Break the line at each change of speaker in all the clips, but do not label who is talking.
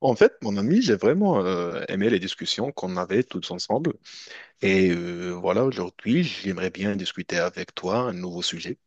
En fait, mon ami, j'ai vraiment aimé les discussions qu'on avait toutes ensemble. Et voilà, aujourd'hui, j'aimerais bien discuter avec toi un nouveau sujet.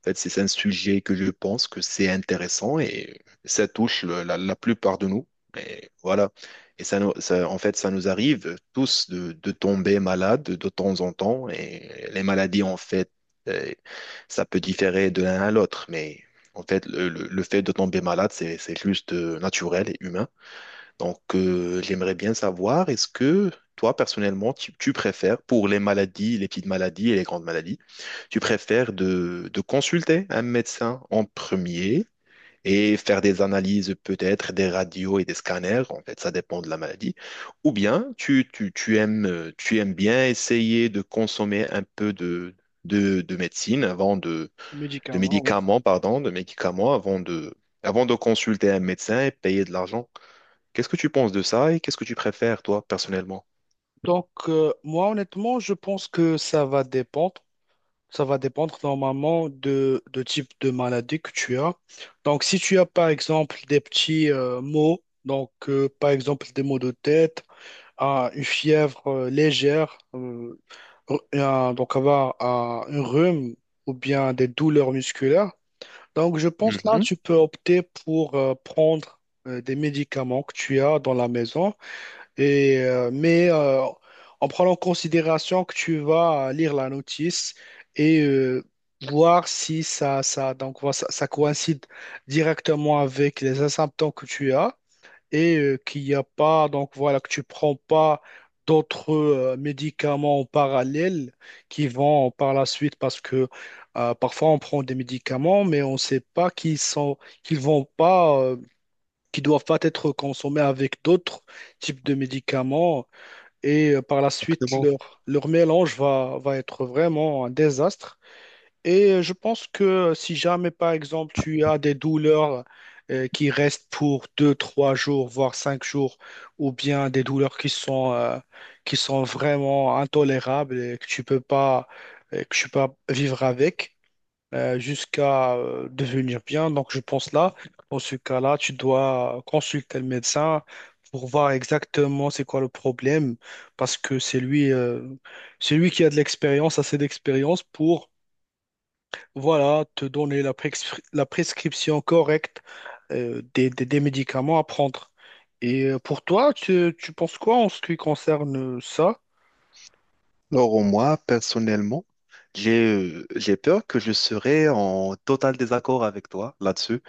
En fait, c'est un sujet que je pense que c'est intéressant et ça touche la plupart de nous. Et voilà. Et ça, en fait, ça nous arrive tous de tomber malade de temps en temps. Et les maladies, en fait, euh, ça peut différer de l'un à l'autre. Mais en fait, le fait de tomber malade, c'est juste naturel et humain. Donc, j'aimerais bien savoir, est-ce que toi, personnellement, tu préfères, pour les maladies, les petites maladies et les grandes maladies, tu préfères de consulter un médecin en premier et faire des analyses, peut-être des radios et des scanners, en fait, ça dépend de la maladie, ou bien tu aimes, tu aimes bien essayer de consommer un peu de médecine avant de
Médicaments, oui.
médicaments, pardon, de médicaments avant de consulter un médecin et payer de l'argent. Qu'est-ce que tu penses de ça et qu'est-ce que tu préfères, toi, personnellement?
Donc, moi, honnêtement, je pense que ça va dépendre. Ça va dépendre normalement de type de maladie que tu as. Donc, si tu as, par exemple, des petits maux, donc, par exemple, des maux de tête, ah, une fièvre légère, un- donc avoir ah, un rhume ou bien des douleurs musculaires. Donc, je pense là,
Mhm.
tu peux opter pour prendre des médicaments que tu as dans la maison. Et, mais en prenant en considération que tu vas lire la notice et voir si ça, donc, voilà, ça coïncide directement avec les symptômes que tu as et qu'il n'y a pas, donc voilà, que tu prends pas d'autres médicaments en parallèle qui vont par la suite, parce que parfois on prend des médicaments mais on ne sait pas qu'ils sont, qu'ils vont pas. Qui doivent pas être consommés avec d'autres types de médicaments. Et par la suite,
Exactement.
leur mélange va être vraiment un désastre. Et je pense que si jamais, par exemple, tu as des douleurs qui restent pour deux, trois jours, voire 5 jours, ou bien des douleurs qui sont, qui sont vraiment intolérables et que tu peux pas, que tu peux pas vivre avec, jusqu'à devenir bien. Donc, je pense là, dans ce cas-là, tu dois consulter le médecin pour voir exactement c'est quoi le problème, parce que c'est lui, c'est lui qui a de l'expérience, assez d'expérience pour, voilà, te donner la prescription correcte des médicaments à prendre. Et pour toi, tu penses quoi en ce qui concerne ça?
Alors, moi, personnellement, j'ai peur que je serai en total désaccord avec toi là-dessus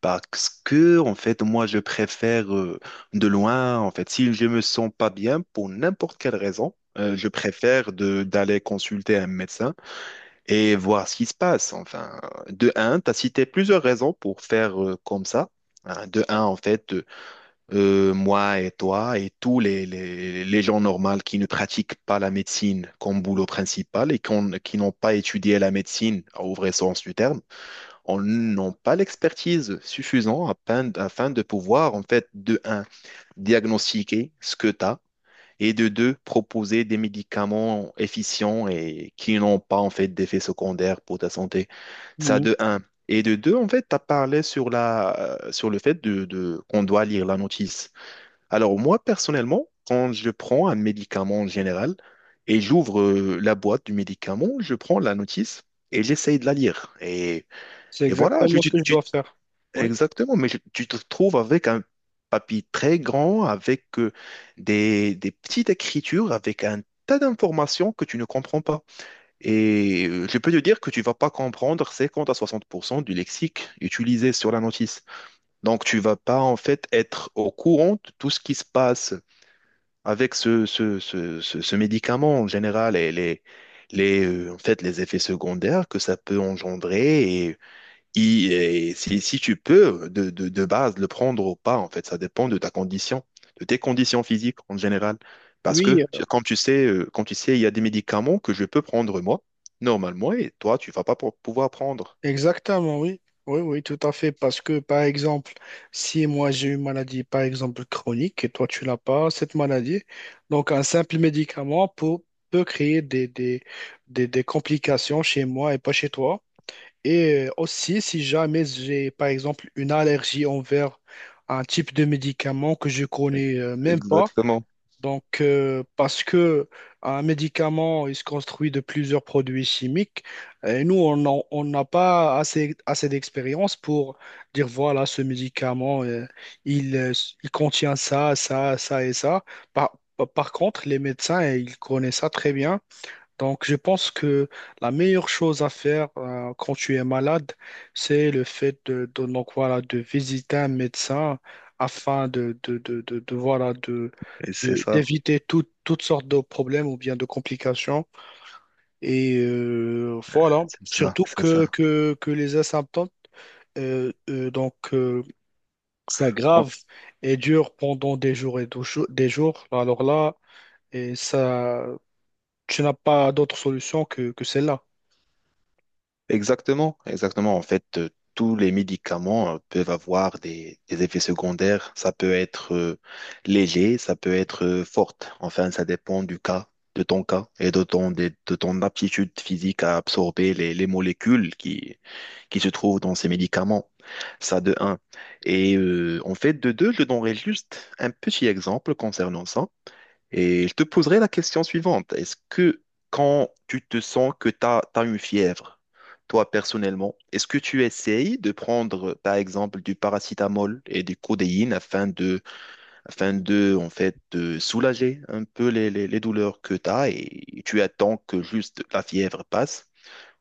parce que, en fait, moi, je préfère de loin, en fait, si je me sens pas bien pour n'importe quelle raison, je préfère de d'aller consulter un médecin et voir ce qui se passe. Enfin, de un, tu as cité plusieurs raisons pour faire comme ça. Hein, de un, en fait, moi et toi et tous les gens normaux qui ne pratiquent pas la médecine comme boulot principal et qui n'ont pas étudié la médecine au vrai sens du terme, on n'ont pas l'expertise suffisante afin de pouvoir, en fait, de un, diagnostiquer ce que tu as et de deux, proposer des médicaments efficients et qui n'ont pas, en fait, d'effets secondaires pour ta santé. Ça
Mhm.
de un. Et de deux, en fait, tu as parlé sur la, sur le fait qu'on doit lire la notice. Alors moi, personnellement, quand je prends un médicament en général et j'ouvre la boîte du médicament, je prends la notice et j'essaye de la lire.
C'est
Et voilà,
exactement ce que je dois faire. Oui.
exactement, mais tu te trouves avec un papier très grand, avec des petites écritures, avec un tas d'informations que tu ne comprends pas. Et je peux te dire que tu vas pas comprendre 50 à 60% du lexique utilisé sur la notice. Donc tu vas pas en fait être au courant de tout ce qui se passe avec ce médicament, en général, et en fait, les effets secondaires que ça peut engendrer, et, et si, si tu peux, de base, le prendre ou pas, en fait, ça dépend de ta condition, de tes conditions physiques en général. Parce
Oui,
que, comme tu sais, il y a des médicaments que je peux prendre moi, normalement, et toi, tu vas pas pouvoir prendre.
exactement, oui. Oui, oui, tout à fait. Parce que, par exemple, si moi j'ai une maladie, par exemple, chronique, et toi tu n'as pas cette maladie, donc un simple médicament peut créer des complications chez moi et pas chez toi. Et aussi, si jamais j'ai, par exemple, une allergie envers un type de médicament que je connais même pas,
Exactement.
donc, parce que un médicament, il se construit de plusieurs produits chimiques, et nous, on n'a pas assez d'expérience pour dire, voilà, ce médicament, il, euh, il contient ça, ça, ça et ça. Par, par contre, les médecins, ils connaissent ça très bien. Donc, je pense que la meilleure chose à faire quand tu es malade, c'est le fait de, donc, voilà, de visiter un médecin afin de,
Et c'est ça,
d'éviter toutes sortes de problèmes ou bien de complications. Et voilà,
c'est ça,
surtout
c'est ça.
que les asymptômes donc s'aggrave et dure pendant des jours et des jours. Des jours. Alors là, et ça, tu n'as pas d'autre solution que celle-là.
Exactement, exactement. En fait, tous les médicaments peuvent avoir des effets secondaires. Ça peut être léger, ça peut être forte. Enfin, ça dépend du cas, de ton cas et de ton aptitude physique à absorber les molécules qui se trouvent dans ces médicaments. Ça de un. Et en fait, de deux, je donnerai juste un petit exemple concernant ça. Et je te poserai la question suivante. Est-ce que quand tu te sens que tu as, une fièvre, toi personnellement, est-ce que tu essayes de prendre, par exemple, du paracétamol et du codéine afin de, en fait, de soulager un peu les douleurs que tu as et tu attends que juste la fièvre passe?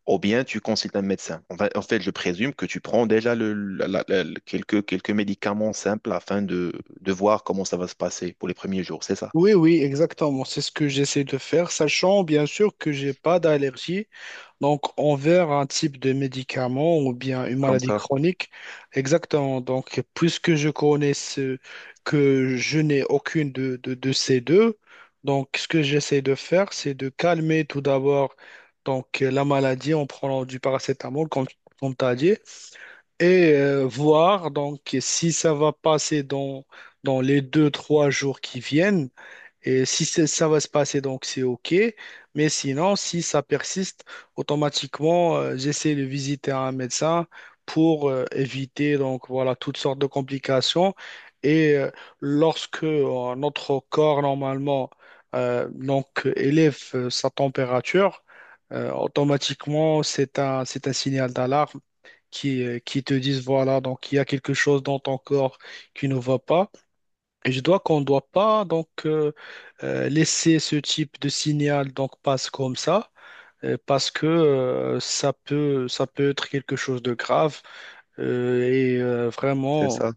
Ou bien tu consultes un médecin. En fait, je présume que tu prends déjà le, la- la- la- le- quelques, quelques médicaments simples afin de voir comment ça va se passer pour les premiers jours, c'est ça?
Oui, oui, exactement. C'est ce que j'essaie de faire, sachant bien sûr que j'ai pas d'allergie, donc envers un type de médicament ou bien une
Comme
maladie
ça,
chronique. Exactement. Donc, puisque je connais ce, que je n'ai aucune de ces deux, donc ce que j'essaie de faire, c'est de calmer tout d'abord donc la maladie en prenant du paracétamol, comme tu as dit, et voir donc si ça va passer dans les deux, trois jours qui viennent. Et si ça va se passer, donc c'est OK. Mais sinon, si ça persiste, automatiquement, j'essaie de visiter un médecin pour éviter donc voilà toutes sortes de complications. Et lorsque notre corps normalement donc élève sa température, automatiquement c'est un signal d'alarme qui te dit voilà, donc il y a quelque chose dans ton corps qui ne va pas. Et je dois qu'on ne doit pas donc laisser ce type de signal donc passe comme ça, parce que ça peut être quelque chose de grave, et
c'est
vraiment
ça.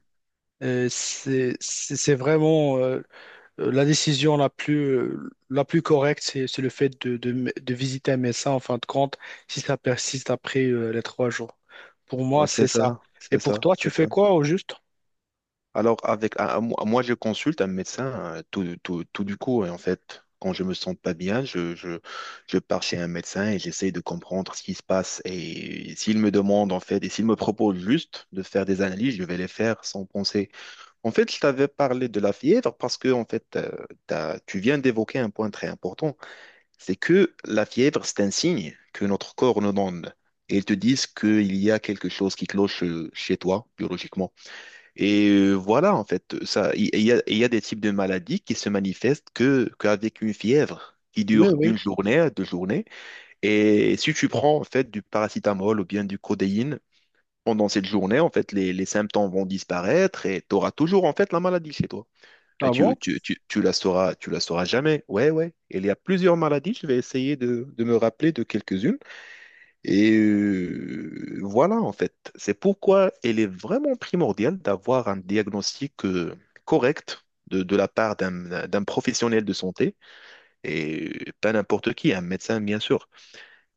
c'est vraiment la décision la plus correcte C'est le fait de visiter un médecin en fin de compte si ça persiste après les 3 jours. Pour moi
Ouais, c'est
c'est
ça,
ça. Et
c'est
pour
ça,
toi tu
c'est ça.
fais quoi au juste?
Alors, avec, moi, je consulte un médecin tout du coup. Et en fait, quand je me sens pas bien, je pars chez un médecin et j'essaie de comprendre ce qui se passe. Et s'il me demande, en fait, et s'il me propose juste de faire des analyses, je vais les faire sans penser. En fait, je t'avais parlé de la fièvre parce que, en fait, tu viens d'évoquer un point très important. C'est que la fièvre, c'est un signe que notre corps nous donne. Et ils te disent qu'il y a quelque chose qui cloche chez toi, biologiquement. Et voilà, en fait, il y a des types de maladies qui se manifestent qu'avec une fièvre qui
Oui,
dure une
oui.
journée, deux journées. Et si tu prends, en fait, du paracétamol ou bien du codéine pendant cette journée, en fait, les symptômes vont disparaître et tu auras toujours, en fait, la maladie chez toi. Et
Ah
tu,
bon?
tu, tu, tu la sauras, tu la sauras jamais. Ouais, ouais. Et il y a plusieurs maladies. Je vais essayer de me rappeler de quelques-unes. Et voilà, en fait, c'est pourquoi il est vraiment primordial d'avoir un diagnostic correct de la part d'un professionnel de santé, et pas n'importe qui, un médecin, bien sûr.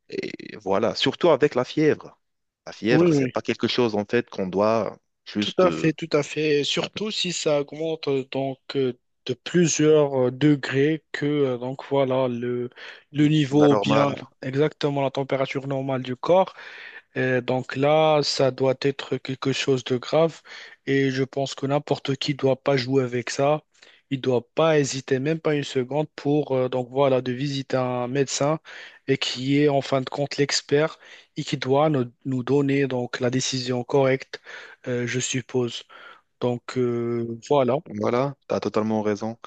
Et voilà, surtout avec la fièvre. La
Oui,
fièvre, c'est
oui.
pas quelque chose, en fait, qu'on doit
Tout
juste...
à
euh,
fait, tout à fait. Surtout si ça augmente donc de plusieurs degrés que donc voilà le
la
niveau ou bien
normale.
exactement la température normale du corps. Et donc là, ça doit être quelque chose de grave et je pense que n'importe qui doit pas jouer avec ça. Il doit pas hésiter même pas une seconde pour donc voilà de visiter un médecin, et qui est en fin de compte l'expert et qui doit nous donner donc la décision correcte, je suppose. Donc voilà.
Voilà, tu as totalement raison.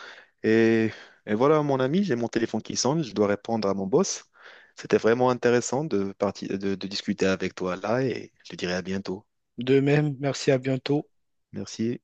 Et, et voilà, mon ami, j'ai mon téléphone qui sonne, je dois répondre à mon boss. C'était vraiment intéressant de discuter avec toi là et je te dirai à bientôt.
De même, merci, à bientôt.
Merci.